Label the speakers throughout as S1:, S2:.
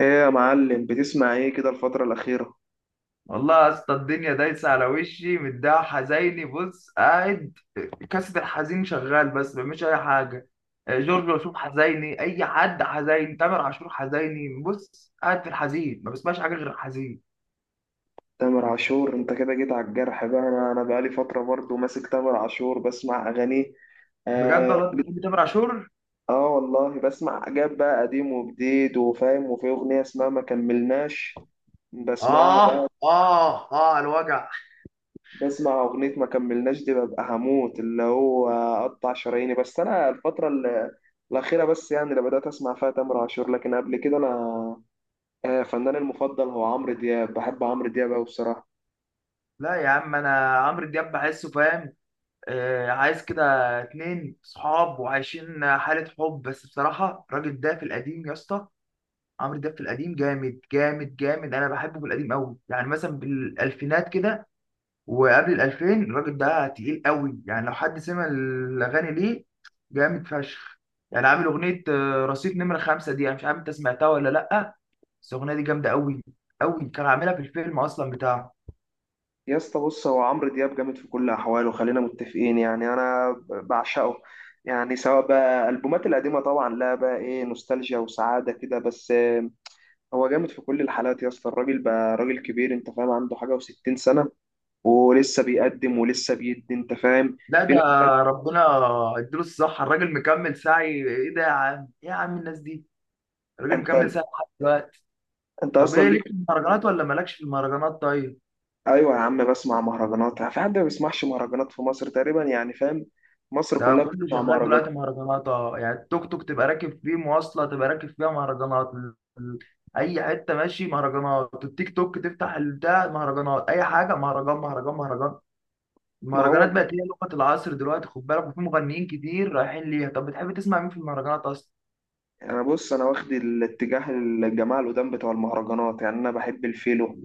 S1: ايه يا معلم بتسمع ايه كده الفترة الأخيرة؟
S2: والله يا اسطى الدنيا دايسه على وشي، متضايق حزيني. بص، قاعد كاسة الحزين شغال بس ما بعملش اي حاجه. جورج وسوف حزيني، اي حد حزين، تامر عاشور حزيني. بص، قاعد في الحزين، ما بسمعش حاجه غير الحزين.
S1: تامر عاشور انت كده جيت على الجرح بقى، انا بقالي فترة برضو ماسك تامر عاشور بسمع أغانيه.
S2: بجد
S1: آه,
S2: والله انت بتحب تامر عاشور.
S1: اه والله بسمع حاجات بقى قديم وجديد وفاهم، وفي أغنية اسمها ما كملناش بسمعها
S2: اه
S1: بقى.
S2: اه اه، على الوجع.
S1: بسمع أغنية ما كملناش دي ببقى هموت اللي هو أقطع شراييني. بس أنا الأخيرة بس يعني اللي بدأت أسمع فيها تامر عاشور، لكن قبل كده أنا فنان المفضل هو عمرو دياب، بحب عمرو دياب أوي بصراحة.
S2: لا يا عم، انا عمرو دياب بحسه فاهم. آه، عايز كده اتنين صحاب وعايشين حاله حب. بس بصراحه الراجل ده في القديم يا اسطى، عمرو دياب في القديم جامد جامد جامد. انا بحبه في القديم قوي، يعني مثلا بالالفينات كده وقبل الالفين الراجل ده تقيل قوي. يعني لو حد سمع الاغاني ليه، جامد فشخ. يعني عامل اغنيه رصيد نمره خمسة، دي انا مش عارف انت سمعتها ولا لا، بس الاغنيه دي جامده قوي قوي. كان عاملها في الفيلم اصلا بتاعه.
S1: يا اسطى بص، هو عمرو دياب جامد في كل احواله، خلينا متفقين يعني انا بعشقه. يعني سواء بقى البومات القديمه طبعا، لا بقى ايه، نوستالجيا وسعاده كده، بس. هو جامد في كل الحالات يا اسطى. الراجل بقى راجل كبير انت فاهم، عنده حاجه و60 سنه ولسه بيقدم ولسه بيدي انت فاهم.
S2: لا
S1: في
S2: ده،
S1: ناس تانية-
S2: ربنا اديله الصحه، الراجل مكمل سعي. ايه ده يا عم، ايه يا عم الناس دي، الراجل
S1: انت
S2: مكمل سعي لحد دلوقتي.
S1: انت
S2: طب
S1: اصلا
S2: ايه،
S1: ليك.
S2: ليك في المهرجانات ولا مالكش في المهرجانات؟ طيب
S1: ايوه يا عم بسمع مهرجانات، في حد ما بيسمعش مهرجانات في مصر تقريبا يعني فاهم؟ مصر
S2: ده
S1: كلها
S2: كله
S1: بتسمع
S2: شغال
S1: مهرجانات.
S2: دلوقتي مهرجانات. اه يعني التوك توك تبقى راكب فيه، مواصلة تبقى راكب فيها مهرجانات، أي حتة ماشي مهرجانات، التيك توك تفتح البتاع مهرجانات، أي حاجة مهرجان مهرجان مهرجان.
S1: ما هو
S2: المهرجانات بقت هي لغة العصر دلوقتي، خد بالك، وفي مغنيين كتير رايحين ليها. طب بتحب تسمع مين في المهرجانات أصلا؟
S1: انا بص، انا واخد الاتجاه الجماعه القدام بتوع المهرجانات، يعني انا بحب الفيلو،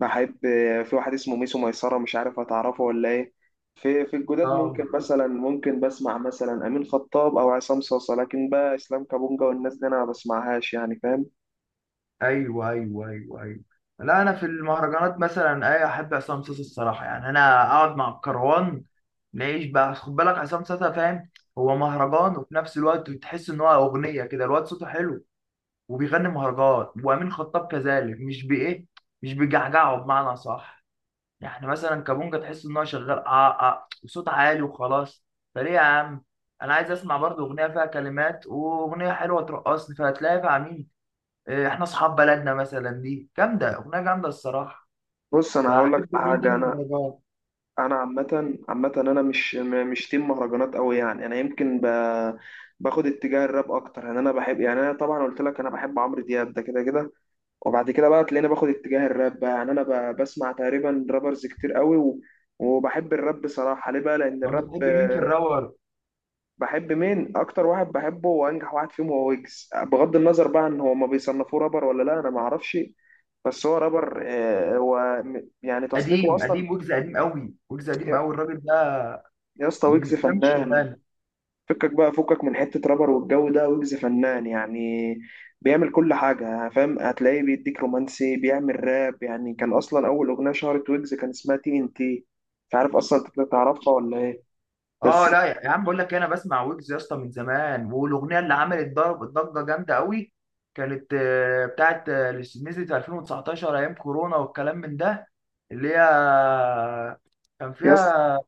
S1: بحب، في واحد اسمه ميسو ميسره مش عارف هتعرفه ولا ايه. في الجداد
S2: اه.
S1: ممكن مثلا، ممكن بسمع مثلا امين خطاب او عصام صاصا، لكن بقى اسلام كابونجا والناس دي انا ما بسمعهاش يعني فاهم.
S2: ايوه ايوه ايوه ايوه. لا انا في المهرجانات مثلا اي احب عصام صاصا الصراحه. يعني انا اقعد مع الكروان ماشي بقى، خد بالك، عصام ساسا فاهم، هو مهرجان وفي نفس الوقت تحس ان هو اغنيه كده، الواد صوته حلو وبيغني مهرجان. وامين خطاب كذلك، مش بايه، مش بيجعجعه بمعنى صح. يعني مثلا كابونجا تحس ان هو شغال اه اه وصوت عالي وخلاص. فليه يا عم، انا عايز اسمع برضه اغنيه فيها كلمات، واغنيه حلوه ترقصني، فهتلاقيها مع مين؟ احنا اصحاب بلدنا مثلا، دي جامده، اغنيه جامده الصراحه.
S1: بص انا هقول لك
S2: فاحب مين
S1: حاجه،
S2: ضمن
S1: انا
S2: المهرجان؟
S1: انا عامه عامه انا مش تيم مهرجانات قوي، يعني انا يمكن. باخد اتجاه الراب اكتر، يعني انا بحب يعني انا طبعا قلت لك انا بحب عمرو دياب ده كده كده، وبعد كده بقى تلاقيني باخد اتجاه الراب بقى. يعني انا بسمع تقريبا رابرز كتير قوي. وبحب الراب بصراحة. ليه بقى؟ لأن
S2: طب
S1: الراب
S2: بتحب مين في
S1: آه،
S2: الراور؟
S1: بحب مين؟ أكتر واحد بحبه وأنجح واحد فيهم هو ويجز، بغض النظر بقى إن هو ما بيصنفوه رابر ولا لا أنا ما أعرفش، بس هو رابر. يعني تصنيفه
S2: قديم
S1: أصلا.
S2: قديم ويجز، قديم قوي ويجز، قديم
S1: يا
S2: قوي الراجل ده
S1: يا اسطى
S2: من
S1: ويجز
S2: قدام
S1: فنان.
S2: الشغلانه.
S1: فكك بقى، فكك من حتة رابر والجو ده، ويجز فنان يعني بيعمل كل حاجة فاهم، هتلاقيه بيديك رومانسي، بيعمل راب. يعني كان أصلا أول أغنية شهرت ويجز كان اسمها تي إن تي، مش عارف أصلا أنت تعرفها ولا إيه.
S2: اه،
S1: بس
S2: لا يا عم بقول لك انا بسمع ويجز يا اسطى من زمان، والاغنيه اللي عملت ضرب ضجه جامده قوي كانت بتاعت اللي نزلت في 2019 ايام كورونا والكلام من ده، اللي هي كان
S1: يا اسطى،
S2: فيها،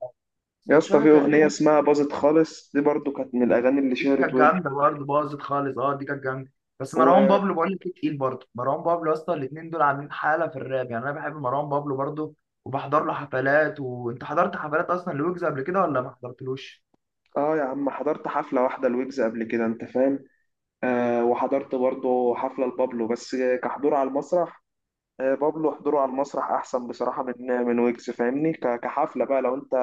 S1: يا
S2: مش
S1: اسطى
S2: فاكر
S1: في أغنية
S2: كانت،
S1: اسمها باظت خالص دي برضو كانت من الأغاني اللي
S2: دي
S1: شهرت
S2: كانت
S1: ويجز.
S2: جامده برضه، باظت خالص، اه دي كانت جامده. بس مروان
S1: و
S2: بابلو، بقول لك إيه، تقيل برضه مروان بابلو. اصلا الاثنين دول عاملين حاله في الراب، يعني انا بحب مروان بابلو برضه وبحضر له حفلات. وانت حضرت حفلات اصلا لويجز قبل كده ولا ما حضرتلوش؟
S1: آه يا عم، حضرت حفلة واحدة لويجز قبل كده أنت فاهم. آه وحضرت برضو حفلة لبابلو بس كحضور على المسرح. بابلو حضوره على المسرح احسن بصراحه من ويجز فاهمني. كحفله بقى لو انت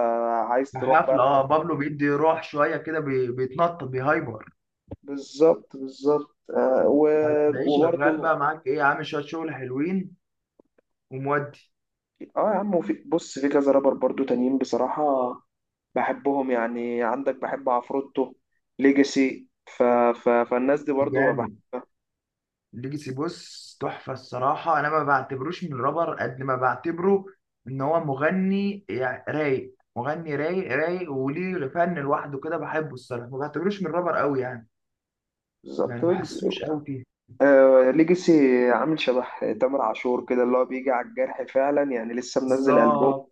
S1: عايز تروح بقى
S2: حفله اه،
S1: الحفله.
S2: بابلو بيدي روح شويه كده، بيتنطط، بيهايبر.
S1: بالظبط. آه، و-
S2: هتلاقيه شغال
S1: وبرضه
S2: بقى معاك ايه، عامل شويه شغل حلوين. ومودي
S1: اه يا عم، وفي بص في كذا رابر برضه تانيين بصراحه بحبهم، يعني عندك بحب عفروتو، ليجاسي. فالناس دي برضه
S2: جامد.
S1: بحبها.
S2: ليجاسي بص تحفة الصراحة، أنا ما بعتبروش من رابر قد ما بعتبره إن هو مغني. يعني رايق، مغني رايق رايق، وليه فن لوحده كده بحبه الصراحة. ما بعتبروش من رابر قوي يعني،
S1: بالظبط.
S2: يعني ما
S1: ويجز
S2: حسوش قوي فيه.
S1: آه، ليجاسي عامل شبه تامر عاشور كده، اللي هو بيجي على الجرح فعلا. يعني لسه منزل ألبوم،
S2: بالظبط.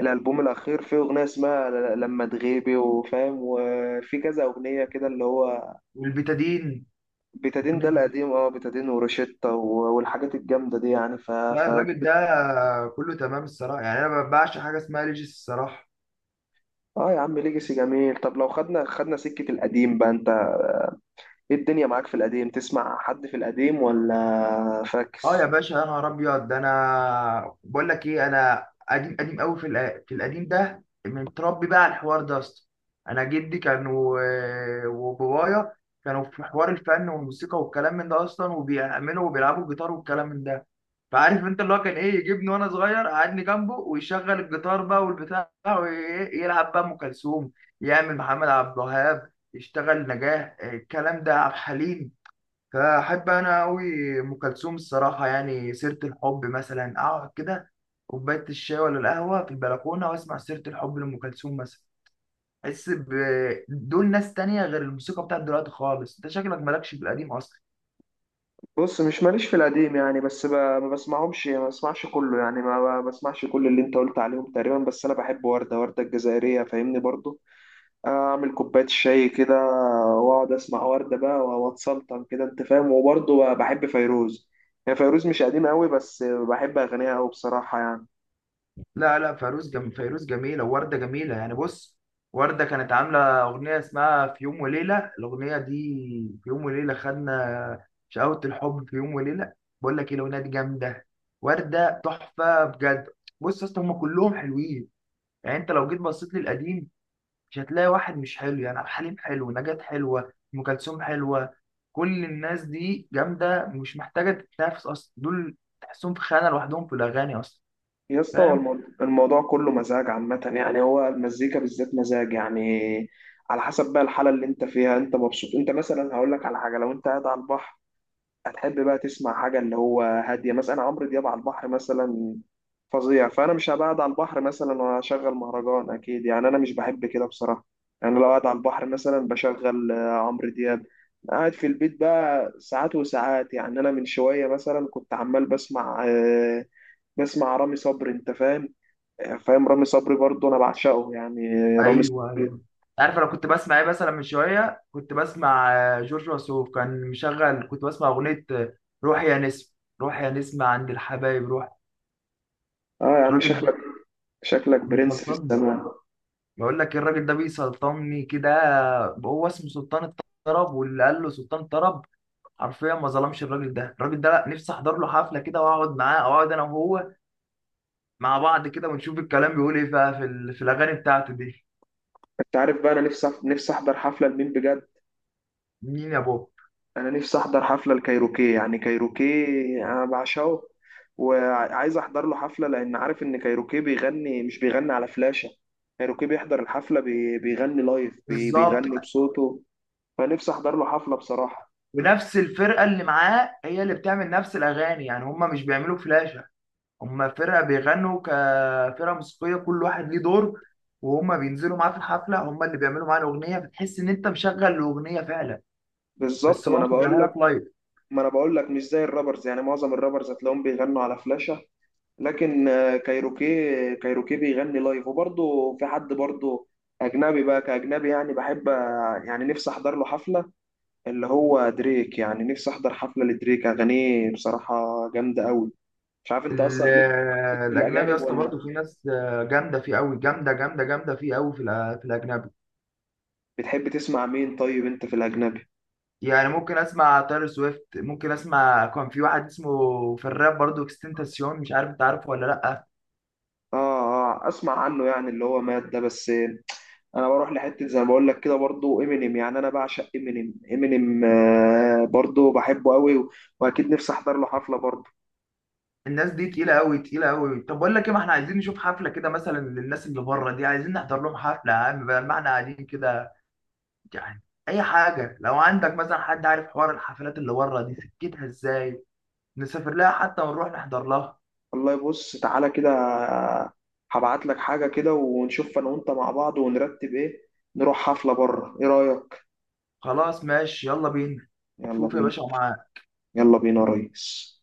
S1: الالبوم الاخير فيه اغنيه اسمها لما تغيبي وفاهم، وفي كذا اغنيه كده اللي هو
S2: والبتادين.
S1: بيتادين. ده
S2: أغنية-
S1: القديم، اه بيتادين وروشيتا والحاجات الجامده دي يعني.
S2: لا الراجل ده كله تمام الصراحة. يعني أنا ما بعشق حاجة اسمها ليجاسي الصراحة.
S1: اه يا عم ليجاسي جميل. طب لو خدنا سكه القديم بقى، انت ايه الدنيا معاك في القديم؟ تسمع حد في القديم ولا
S2: اه يا
S1: فاكس؟
S2: باشا، يا نهار ابيض، ده انا بقول لك ايه، انا قديم قديم قوي. في القديم ده متربي بقى على الحوار ده اصلا. انا جدي كان وبابايا كانوا في حوار الفن والموسيقى والكلام من ده اصلا، وبيعملوا وبيلعبوا جيتار والكلام من ده. فعارف انت اللي هو كان ايه، يجيبني وانا صغير قعدني جنبه ويشغل الجيتار بقى والبتاع ويلعب بقى ام كلثوم، يعمل محمد عبد الوهاب، يشتغل نجاح، الكلام ده عبد الحليم. فأحب أنا أوي أم كلثوم الصراحة. يعني سيرة الحب مثلا، أقعد كده كوباية الشاي ولا القهوة في البلكونة وأسمع سيرة الحب لأم كلثوم مثلا. أحس دول ناس تانية غير الموسيقى بتاعت دلوقتي خالص. أنت شكلك مالكش في القديم أصلا.
S1: بص، مش ماليش في القديم يعني، بس. ما بسمعهمش، ما بسمعش كله يعني، ما بسمعش كل اللي انت قلت عليهم تقريبا. بس انا بحب وردة، وردة الجزائرية فاهمني، برضو اعمل كوبايه الشاي كده واقعد اسمع ورده بقى واتسلطن كده انت فاهم. وبرضه بحب فيروز، يعني فيروز مش قديم قوي، بس بحب اغانيها قوي بصراحه يعني.
S2: لا لا، فيروز فيروز جميلة، ووردة جميلة. يعني بص، وردة كانت عاملة أغنية اسمها في يوم وليلة، الأغنية دي، في يوم وليلة خدنا شقاوة الحب، في يوم وليلة. بقول لك إيه، الأغنية دي جامدة، وردة تحفة بجد. بص يا اسطى هما كلهم حلوين. يعني أنت لو جيت بصيت للقديم مش هتلاقي واحد مش حلو. يعني عبد الحليم حلو، نجاة حلوة، أم كلثوم حلوة، كل الناس دي جامدة، مش محتاجة تتنافس أصلا، دول تحسهم في خانة لوحدهم في الأغاني أصلا.
S1: يا اسطى هو
S2: فاهم.
S1: الموضوع كله مزاج عامه، يعني هو المزيكا بالذات مزاج يعني، على حسب بقى الحاله اللي انت فيها، انت مبسوط، انت مثلا هقول لك على حاجه، لو انت قاعد على البحر هتحب بقى تسمع حاجة اللي هو هادية، مثلا أنا عمرو دياب على البحر مثلا فظيع. فأنا مش هبقى قاعد على البحر مثلا وأشغل مهرجان أكيد، يعني أنا مش بحب كده بصراحة. يعني لو قاعد على البحر مثلا بشغل عمرو دياب. قاعد في البيت بقى ساعات وساعات، يعني أنا من شوية مثلا كنت عمال بسمع بسمع رامي صبري أنت فاهم، فاهم رامي صبري برضه أنا بعشقه يعني رامي
S2: ايوه ايوه.
S1: صبري.
S2: عارف انا كنت بسمع ايه مثلا؟ من شويه كنت بسمع جورج وسوف كان مشغل، كنت بسمع اغنيه روح يا نسم، روح يا نسم عند الحبايب روح.
S1: آه يا عم
S2: الراجل ده
S1: شكلك، شكلك برنس في
S2: بيسلطني.
S1: السماء.
S2: بقول لك الراجل ده بيسلطني كده. هو اسمه سلطان الطرب، واللي قال له سلطان الطرب حرفيا ما ظلمش الراجل ده. الراجل ده لا، نفسي احضر له حفله كده واقعد معاه، أو اقعد انا وهو مع بعض كده ونشوف الكلام بيقول ايه بقى في الاغاني بتاعته دي.
S1: انت عارف بقى انا نفسي، نفسي احضر حفله لمين بجد؟
S2: مين يا بابا؟
S1: انا نفسي احضر حفله لكايروكي، يعني كايروكي انا بعشقه وعايز احضر له حفله، لان عارف ان كايروكي بيغني مش بيغني على فلاشه، كايروكي بيحضر الحفله بيغني لايف
S2: بالظبط.
S1: بيغني بصوته، فنفسي احضر له حفله بصراحه.
S2: ونفس الفرقه اللي معاه هي اللي بتعمل نفس الاغاني، يعني هم مش بيعملوا فلاشه. هم فرقه بيغنوا كفرقه موسيقيه، كل واحد ليه دور، وهم بينزلوا معاه في الحفله، هم اللي بيعملوا معاه الاغنيه. بتحس ان انت مشغل الاغنيه فعلا،
S1: بالظبط،
S2: بس
S1: ما
S2: هو
S1: انا بقول
S2: مشغلها
S1: لك،
S2: لك لايف.
S1: ما انا بقول لك مش زي الرابرز، يعني معظم الرابرز هتلاقيهم بيغنوا على فلاشه، لكن. كايروكي، كايروكي بيغني لايف. وبرضه في حد برضه اجنبي بقى، كاجنبي يعني بحب، يعني نفسي احضر له حفله اللي هو دريك، يعني نفسي احضر حفله لدريك، اغانيه بصراحه جامده قوي. مش عارف انت
S2: ال-
S1: اصلا ليك، ليك في
S2: الاجنبي يا
S1: الاجانب
S2: اسطى برضه
S1: ولا؟
S2: في ناس جامده فيه قوي، جامده جامده جامده فيه قوي في الاجنبي.
S1: بتحب تسمع مين طيب انت في الاجنبي؟
S2: يعني ممكن اسمع تايلور سويفت، ممكن اسمع، كان في واحد اسمه في الراب برضه اكستنتاسيون، مش عارف انت عارفه ولا لا.
S1: اه اه، اسمع عنه يعني اللي هو مات ده، بس انا بروح لحته زي ما بقول لك كده برضو امينيم، يعني انا بعشق امينيم، امينيم آه برضو بحبه قوي، واكيد نفسي احضر له حفله برضو.
S2: الناس دي تقيلة أوي، تقيلة أوي. طب بقول لك إيه، ما إحنا عايزين نشوف حفلة كده مثلا للناس اللي بره دي، عايزين نحضر لهم حفلة يا عم بدل ما إحنا قاعدين كده. يعني أي حاجة، لو عندك مثلا حد عارف حوار الحفلات اللي بره دي سكتها إزاي، نسافر لها حتى ونروح نحضر لها.
S1: والله بص تعالى كده، هبعت لك حاجه كده ونشوف انا وانت مع بعض ونرتب ايه، نروح حفله بره ايه رايك؟
S2: خلاص، ماشي، يلا بينا.
S1: يلا
S2: شوف يا
S1: بينا.
S2: باشا، معاك.
S1: يلا بينا يا ريس.